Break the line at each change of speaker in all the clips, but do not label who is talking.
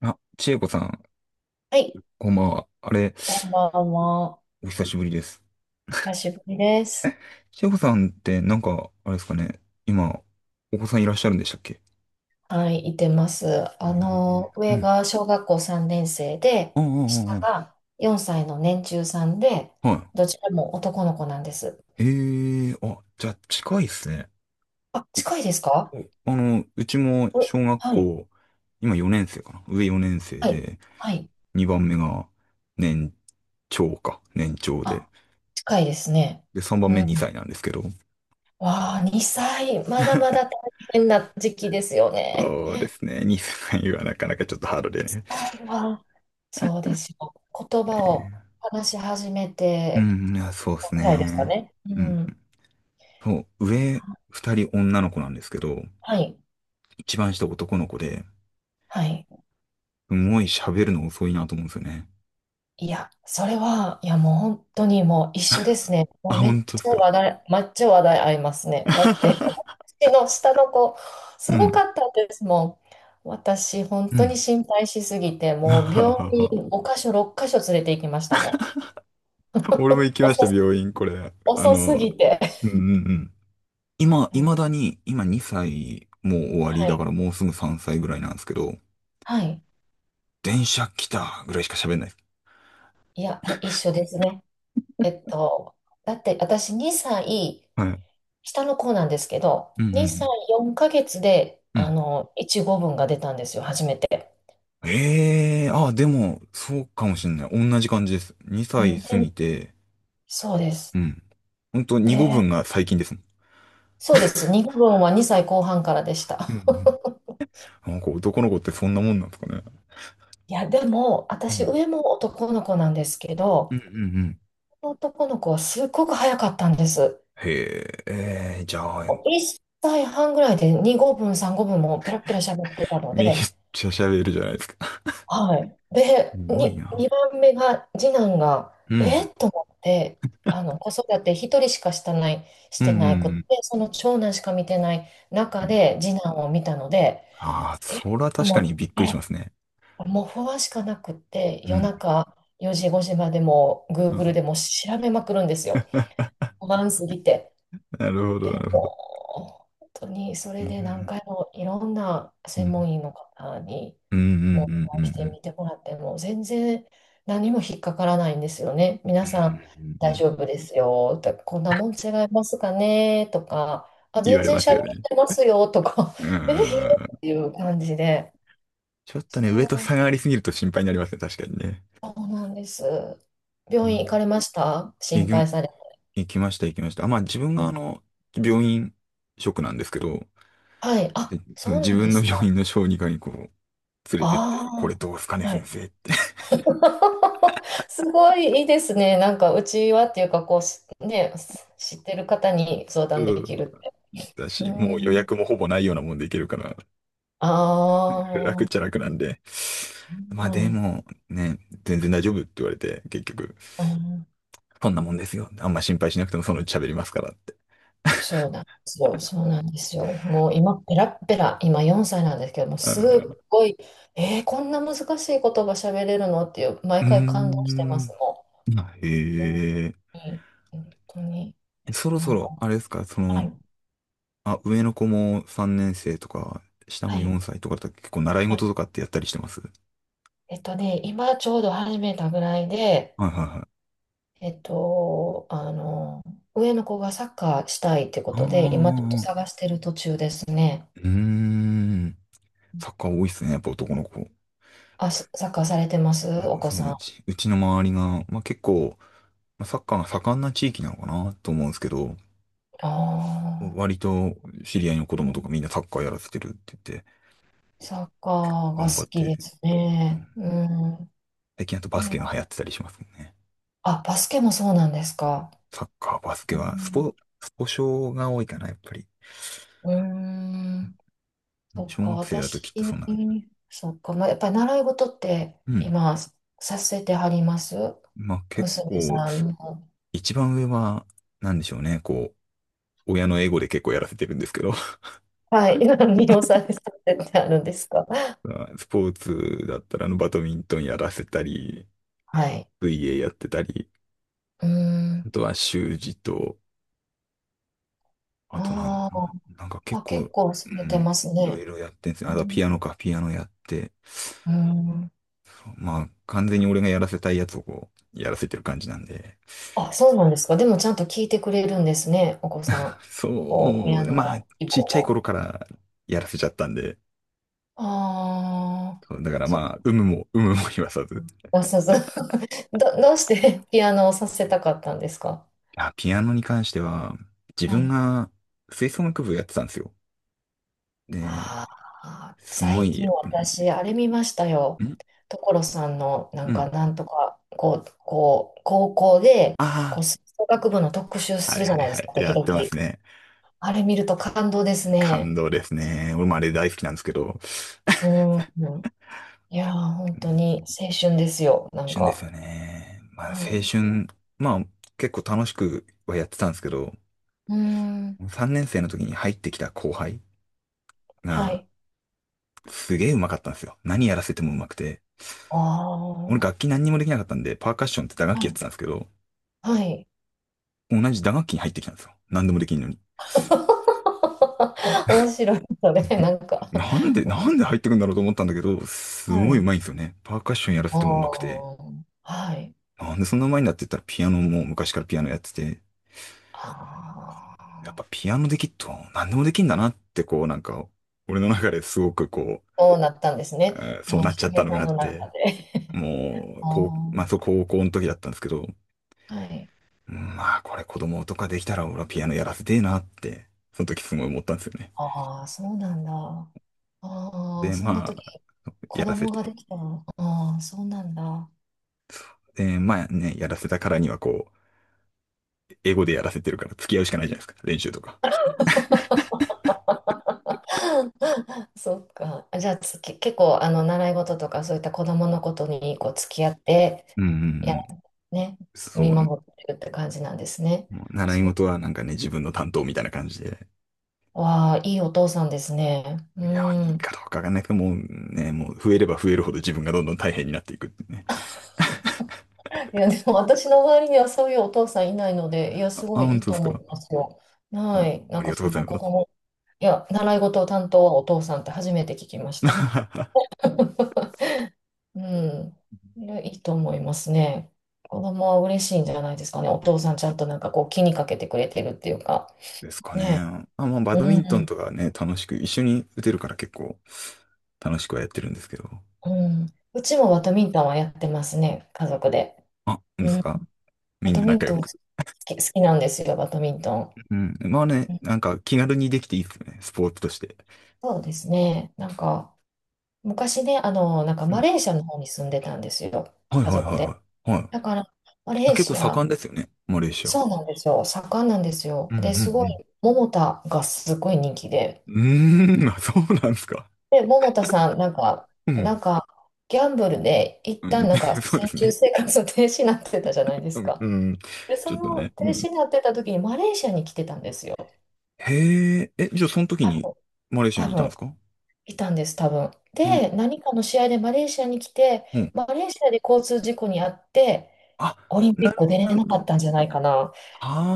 あ、千恵子さん、
はい、
こんばんは。あれ、
こんばんは。
お久しぶりです。
久しぶりです。
千恵子さんって、なんか、あれですかね、今、お子さんいらっしゃるんでしたっけ？
はい、いてます。
ええ、う
上
ん。
が小学校3年生で、
ああ、
下
あ
が4歳の年中さんで、
あ、ああ、は
どちらも男の子なんです。
い。ええ、あ、じゃあ、近いっすね。
あ、近いですか？
う、あの、うちも
お、
小学
はい、
校、今4年生かな。上4年生
はい、
で、
はい。
2番目が年長か。年長で。
あ、近いですね。
で、3番
う
目
ん。
2歳なんですけど。
わあ、2歳、まだまだ大 変な時期ですよね。
そうですね。2歳はなかなかちょっとハードでね。
2歳は、そうですよ。言葉
ね、
を話し始め
う
て
ん、いや、そうです
ぐらいですか
ね。
ね。う
うん。
ん。
そう、上二人女の子なんですけど、
はい。
一番下男の子で、
はい。
すごい喋るの遅いなと思うんですよね。
いや、それは、いや、もう本当にもう一緒ですね。
あ、
もうめっ
本当で
ち
す
ゃ
か。
話題、めっちゃ話題合いますね。だって、私の下の子、
う
すご
ん。
かったですもん。私、本
う
当に
ん。
心配しすぎて、もう病 院5箇所、6箇所連れて行きましたもん。
俺も 行きました、
遅す、
病院、これ。あ
遅す
の、
ぎて。
うんうんうん。今、未だに、今2歳、もう終わり、
は
だか
い。
らもうすぐ3歳ぐらいなんですけど、
はい。
電車来たぐらいしか喋んないです。
いや、もう一緒ですね。えっと、だって私2歳、
はい。うん
下の子なんですけど、
うんう
2
ん。
歳4ヶ月で、
うん。
1語文が出たんですよ、初めて。
ええー、あ、でも、そうかもしんない。同じ感じです。2
う
歳
ん、で、
過ぎて、
そうで
う
す。
ん。ほんと、2語分
で、
が最近ですもん。
そうです。2語文は2歳後半からでした。
うんうん。 なんか男の子ってそんなもんなんですかね。
いや、でも、
う
私、
ん
上も男の子なんですけ
うんう
ど、
んうん。
この男の子はすっごく早かったんです。
へえ、じゃあ、
もう1歳半ぐらいで2語文、3語文もペラペラ喋ってたの
めっ
で、
ちゃ喋るじゃないですか。
はい。
す
で、
ごいな。
2番目が、次男が、
う
え
ん。
っと思って、子育て一人しかしたない、し
うんう
て
んう
ないくて、
ん
その長男しか見てない
う
中
ん。
で、次男を見たので、
ああ、
えっ
それは
と
確
思
かに
っ
びっくりしま
て、
すね。
もう不安しかなくって、
う
夜
ん
中4時、5時までも、
う
Google
ん。
でも調べまくるんですよ。不安すぎて。
なるほど、な
で
るほど。
も、本当にそ
う
れで何
ん。
回もいろんな
う
専
ん
門医の方に
うんう
もう
んうん
お会
う
い
ん
し
う
て
ん。
みてもらっても全然何も引っかからないんですよね。
う
皆
ん
さん
うんうんう
大
ん。
丈夫ですよとか、こんなもん違いますかねとか、あ、
言わ
全
れ
然
ます
喋っ
よね。
てますよとか、
う
えー、
ん。
っていう感じで。
ちょっと
そ
ね、上と
う、
差がありすぎると心配になりますね、確かにね。
そうなんです。
う
病院行か
ん。
れました
行
心
きま、
配され？
行きました、行きました。あ、まあ自分があの、病院職なんですけど、
はい。
で
あ、そう
自
なんで
分の
す
病
か。
院の小児科にこう、連れてって、こ
あ
れどうすかね、
あ。は
先
い。
生って。
すごいいいですね。なんか、うちはっていうか、こうし、ね、知ってる方に相談で
うん、
き
そう
るって。
だ
う
し、もう予
ん。
約もほぼないようなもんでいけるから、
ああ、
楽っ
は
ちゃ楽なんで。まあで
い。
も、ね、全然大丈夫って言われて、結局、
うん、
そんなもんですよ。あんま心配しなくてもそのうち喋りますからって。
そうなんですよ。そうなんですよ。もう今、ペラッペラ、今4歳なんですけども、
う
すっ
ん、
ごい、えーこんな難しい言葉喋れるのっていう、
う
毎
ー
回感動してます、
ん。
も
あ、
う。
へえ。
うん。本当に、
そろ
な
そ
んか、
ろ、あれですか、そ
はい、
の、あ、上の子も3年生とか、下
は
も
い、
4歳とかだと結構習い
は
事
い。
とかってやったりしてます？は
今ちょうど始めたぐらいで、
いはいはい。
えっと、あの、上の子がサッカーしたいってこ
ああ、あ
とで、今ちょっと
あ、ああ、
探してる途中ですね。
うーん。サッカー多いっすね、やっぱ男の子。
あ、サッカーされてます
あ、
お子
その
さ
う
ん？あ
ち、うちの周りが、まあ結構、まあサッカーが盛んな地域なのかなと思うんですけど、
あ、
割と知り合いの子
う
供とか
ん。
みんなサッカーやらせてるって言って、
サッカーが
頑張っ
好きで
て、
すね。うん。
最近あとバスケ
ね、
が流行ってたりしますもんね。
あ、バスケもそうなんですか？
サッカー、バスケ
う
は、ス
ん。
ポ、スポ少が多いかな、やっぱり。
うーん。そっ
小
か、
学生だと
私、
きっとそんな感じ。
そっか、まあ、やっぱり習い事って
うん。
今させてはります、
まあ結
娘
構、
さんも？
一番上は、なんでしょうね、こう、親のエゴで結構やらせてるんですけど、
はい。魅了されてるってあるんですか？
まあスポーツだったら、あの、バドミントンやらせたり、
はい。
水泳やってたり、
うーん。
あとは習字と、あとなん、
あー
なんか結
あ、
構、
結構され
う
て
ん、
ます
いろ
ね。
いろやってんですね。
う
あとは
ん。
ピアノか、ピアノやって、
うん。
まあ完全に俺がやらせたいやつをこう、やらせてる感じなんで、
あ、そうなんですか。でもちゃんと聞いてくれるんですね、お子さん。
そ
お、親
う、まあ、
の希望
ちっちゃい
を。
頃からやらせちゃったんで、
ああ、
そうだから
そっ
まあ、有無も、有無も言わさず。
か。そうそう。どうしてピアノをさせたかったんですか？
あ、ピアノに関しては、自
は
分
い。
が吹奏楽部やってたんですよ。で、
ああ、
すご
最
い、
近
やっぱ
私、あれ見ましたよ。
ん、
所さんの、な
う
ん
ん。
か、なんとか、こう、高校で、
あ
こう、吹奏楽部の特集
あ、は
す
い
るじ
は
ゃ
い
ないで
は
す
い。
か、
や
時
っ
々。
てますね。
あれ見ると感動です
感
ね。
動ですね。俺もあれ大好きなんですけど。
うん。うん。いやー、本
う
当
ん、
に青春ですよ、なん
旬です
か。
よね。まあ、青
はい。
春、まあ、結構楽しくはやってたんですけど、
うん。
3年生の時に入ってきた後輩
は
が、
い。
すげえうまかったんですよ。何やらせてもうまくて。
あ
俺
あ。
楽器何にもできなかったんで、パーカッションって打楽
は
器やって
い。
たんですけど、
はい。
同じ打楽器に入ってきたんですよ。何でもできんのに。
面白い、それ、な んか。
なんで入ってくんだろうと思ったんだけど、す
は
ごいう
い。
まいんですよね。パーカッションやらせ
あ
てもうまくて。
あ。はい。
なんでそんなうまいんだって言ったらピアノも昔からピアノやってて、
あ
やっ
あ、
ぱピアノできっと何でもできんだなってこうなんか、俺の中ですごくこう、
そうなったんですね。
そう
う
な
ん、
っ
翔
ちゃった
平
の
さ
があ
ん
っ
の中
て、
で。
もう、
あ
こう、まあそう高校の時だったんですけど、
あ、はい。
うん、まあ、これ子供とかできたら俺はピアノやらせてえなって、その時すごい思ったんですよね。
ああ、そうなんだ。ああ、
で、
そんな
ま
時、
あ、
子
やらせ
供がで
て。
きたの。ああ、そうなんだ。
で、まあね、やらせたからにはこう、英語でやらせてるから付き合うしかないじゃないですか、練習とか。
そっか。じゃあ結構、習い事とか、そういった子供のことに、こう、付き合って、
うんうんう
や、
ん。
ね、
そ
見
うね。
守ってるって感じなんですね。
もう習い
そう。
事はなんかね、自分の担当みたいな感じで。
わあ、いいお父さんですね。う
いや、いい
ん。
かどうかわかんないけど、もうね、もう増えれば増えるほど自分がどんどん大変になっていくってね。
いや、でも私の周りにはそういうお父さんいないので、いや、
あ、
す
あ、
ごいい
本
い
当で
と
す
思
か。
いますよ。はい。
お、
な
あ
ん
り
か
がとう
そ
ござい
の
ま
子
す。
供、いや、習い事を担当はお父さんって初めて聞きました。うん。いや、いいと思いますね。子供は嬉しいんじゃないですかね。お父さんちゃんとなんかこう気にかけてくれてるっていうか。
ですか
ね。
ね。あ、まあ、バ
う
ドミントン
ん。
とかね、楽しく、一緒に打てるから結構楽しくはやってるんですけど。
うん。うちもバドミントンはやってますね。家族で。
あ、なんです
うん。
か？み
バ
ん
ド
な
ミン
仲
ト
良
ン
く。
好き、好きなんですよ、バドミントン。
うん。まあね、
うん。
なんか気軽にできていいですよね、スポーツとして。
そうですね。なんか、昔ね、なんか
う
マ
ん。
レーシアの方に住んでたんですよ、
はい
家
はい
族で。
はいはい。はい。
だから、マ
あ、
レー
結構
シア、
盛んですよね、マレーシア。
そうなんですよ、盛んなんですよ。
うんう
で、すご
ん
い、桃田がすごい人気で。
うん、うーん、あ、そうなんですか。
で、桃田さん、なんか、
うん。
なんか、ギャンブルで、一
う
旦
ん、
なんか、
そうで
先
す
住
ね。
生活停止になってたじゃないで
う
す
ん、う
か。
ん。
で、そ
ちょっと
の
ね。う
停
ん。
止になってた時に、マレーシアに来てたんですよ。
へえ、え、じゃあその時
多
に
分、
マレーシア
多
にいたんです
分、
か？
いたんです、多分。
うん、
で、何かの試合でマレーシアに来て、
うん。
マレーシアで交通事故に遭って、
あ、
オリンピ
な
ッ
る
ク
ほ
出
ど、
れ
なる
な
ほ
かっ
ど。
たんじゃないかな。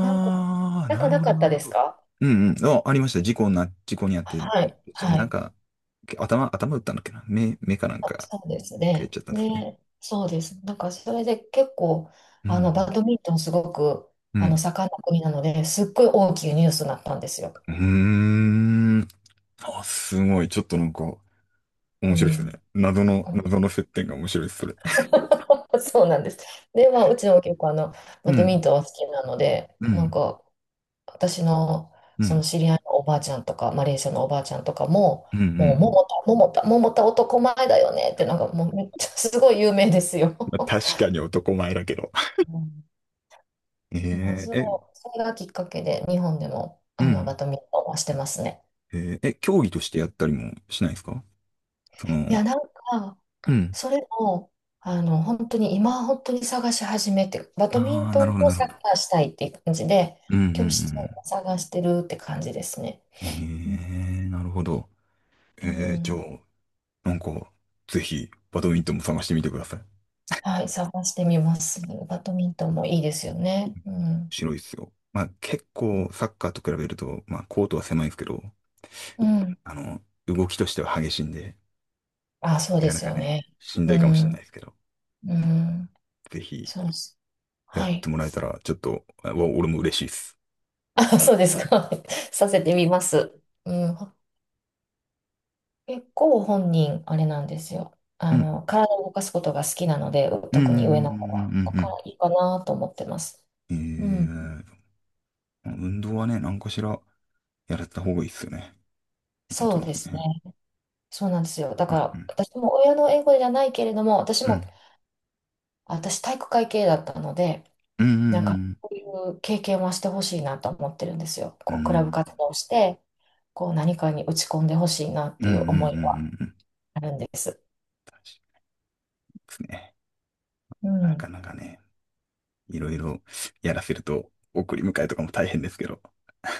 なんか、
あ、
なん
な
か
る
な
ほ
か
ど、
っ
な
た
るほ
です
ど。
か？
うんうん。あ、ありました。事故にあって、
はい、は
なん
い。
か、頭打ったんだっけな。目かなん
あ、
か、
そうです
やっ
ね。
ちゃったんですね。
ね、そうです。なんか、それで結構、
う
バ
ん。
ドミントンすごく、
うん。
盛んな国なので、すっごい大きいニュースになったんですよ。
うん。うーん。あ、すごい。ちょっとなんか、面
う
白いですね。
ん。
謎の、謎の接点が面白いです、それ。
そうなんです。で、まあ、うちも結構、
う
バドミ
ん。
ントンは好きなので、
う
なん
ん。
か、私の
う
その
ん。
知り合いのおばあちゃんとか、マレーシアのおばあちゃんとかも、
うん。う
もう、
ん、
桃田、桃田、桃田男前だよねって、なんかもうめっちゃすごい有名ですよ。
まあ確かに男前だけど。
うん。
え
まあ、
ー、え、
それがきっかけで、日本でも、
う
バ
ん。
ドミントンはしてますね。
ええ、競技としてやったりもしないですか？そ
い
の、
や、なんか、
うん。
それも、本当に、今、本当に探し始めて、バドミ
あ
ン
あ、な
ト
る
ン
ほど、
と
なる
サッ
ほど。
カーしたいっていう感じで、
うん、う
教室
ん、
を探してるって感じですね。
ええ
うん。
ー、なるほど。
う
ええ、じゃ
ん。
あ、なんか、ぜひ、バドミントンも探してみてください。面
はい、探してみます。バドミントンもいいですよね。うん。
白いですよ。まあ、結構、サッカーと比べると、まあ、コートは狭いですけど、
うん。
あの、動きとしては激しいんで、
あ、そう
な
で
かな
す
か
よね。
ね、しんど
う
いかもしれな
ん。
いですけど、
うん。
ぜひ、
そうです。
や
は
って
い。
もらえたら、ちょっと、俺も嬉しいです。
あ、そうですか。させてみます。うん。結構本人、あれなんですよ。
うん。
体を動かすことが好きなので、
うん、うん、うん、
特
うん、う
に上の子は、こ
ん。うん、
こからいいかなと思ってます。
ええ、
うん。
運動はね、何かしら、やられた方がいいですよね。なんと
そう
な
で
く
すね。
ね。
そうなんですよ。だ
うん、
か
うん、
ら、私も親の英語じゃないけれども、私
う
も、
ん、
私体育会系だったので、
うん、うん、
なん
う
か、
ん。
こういう経験はしてほしいなと思ってるんですよ。
う
こう、クラブ
ん
活動をして、こう、何かに打ち込んでほしいなっ
うん
て
う
い
んう
う思いは
んうんうん。
あるんです。
確かにですね。
う
なか
ん。
なかね、いろいろやらせると、送り迎えとかも大変ですけど。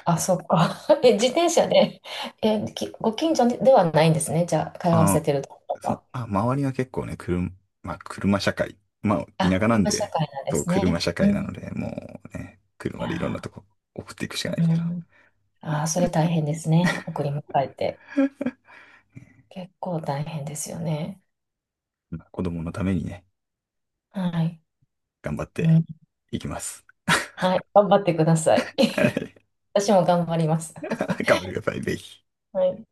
あ、そっか。え、自転車で、え、きご近所ではないんですね。じゃあ、通
あ
わせ
の、
てるところ
そう、
は。
あ、周りが結構ね、車、まあ、車社会。まあ、
あ、
田舎なん
車社
で、
会なんで
そう、
す
車
ね。
社
うん。
会なの
い
で、もうね、車でいろんな
や
とこ送っていくしか
ー、
ないで
う
すけど。
ん。あー、それ大変ですね。送り迎えて。結構大変ですよね。
まあ子供のためにね、
はい。
頑張っ
う
て
ん。
いきます。
はい。頑張ってください。
は い。
私も頑張ります。
頑張ってください、ぜひ。
はい。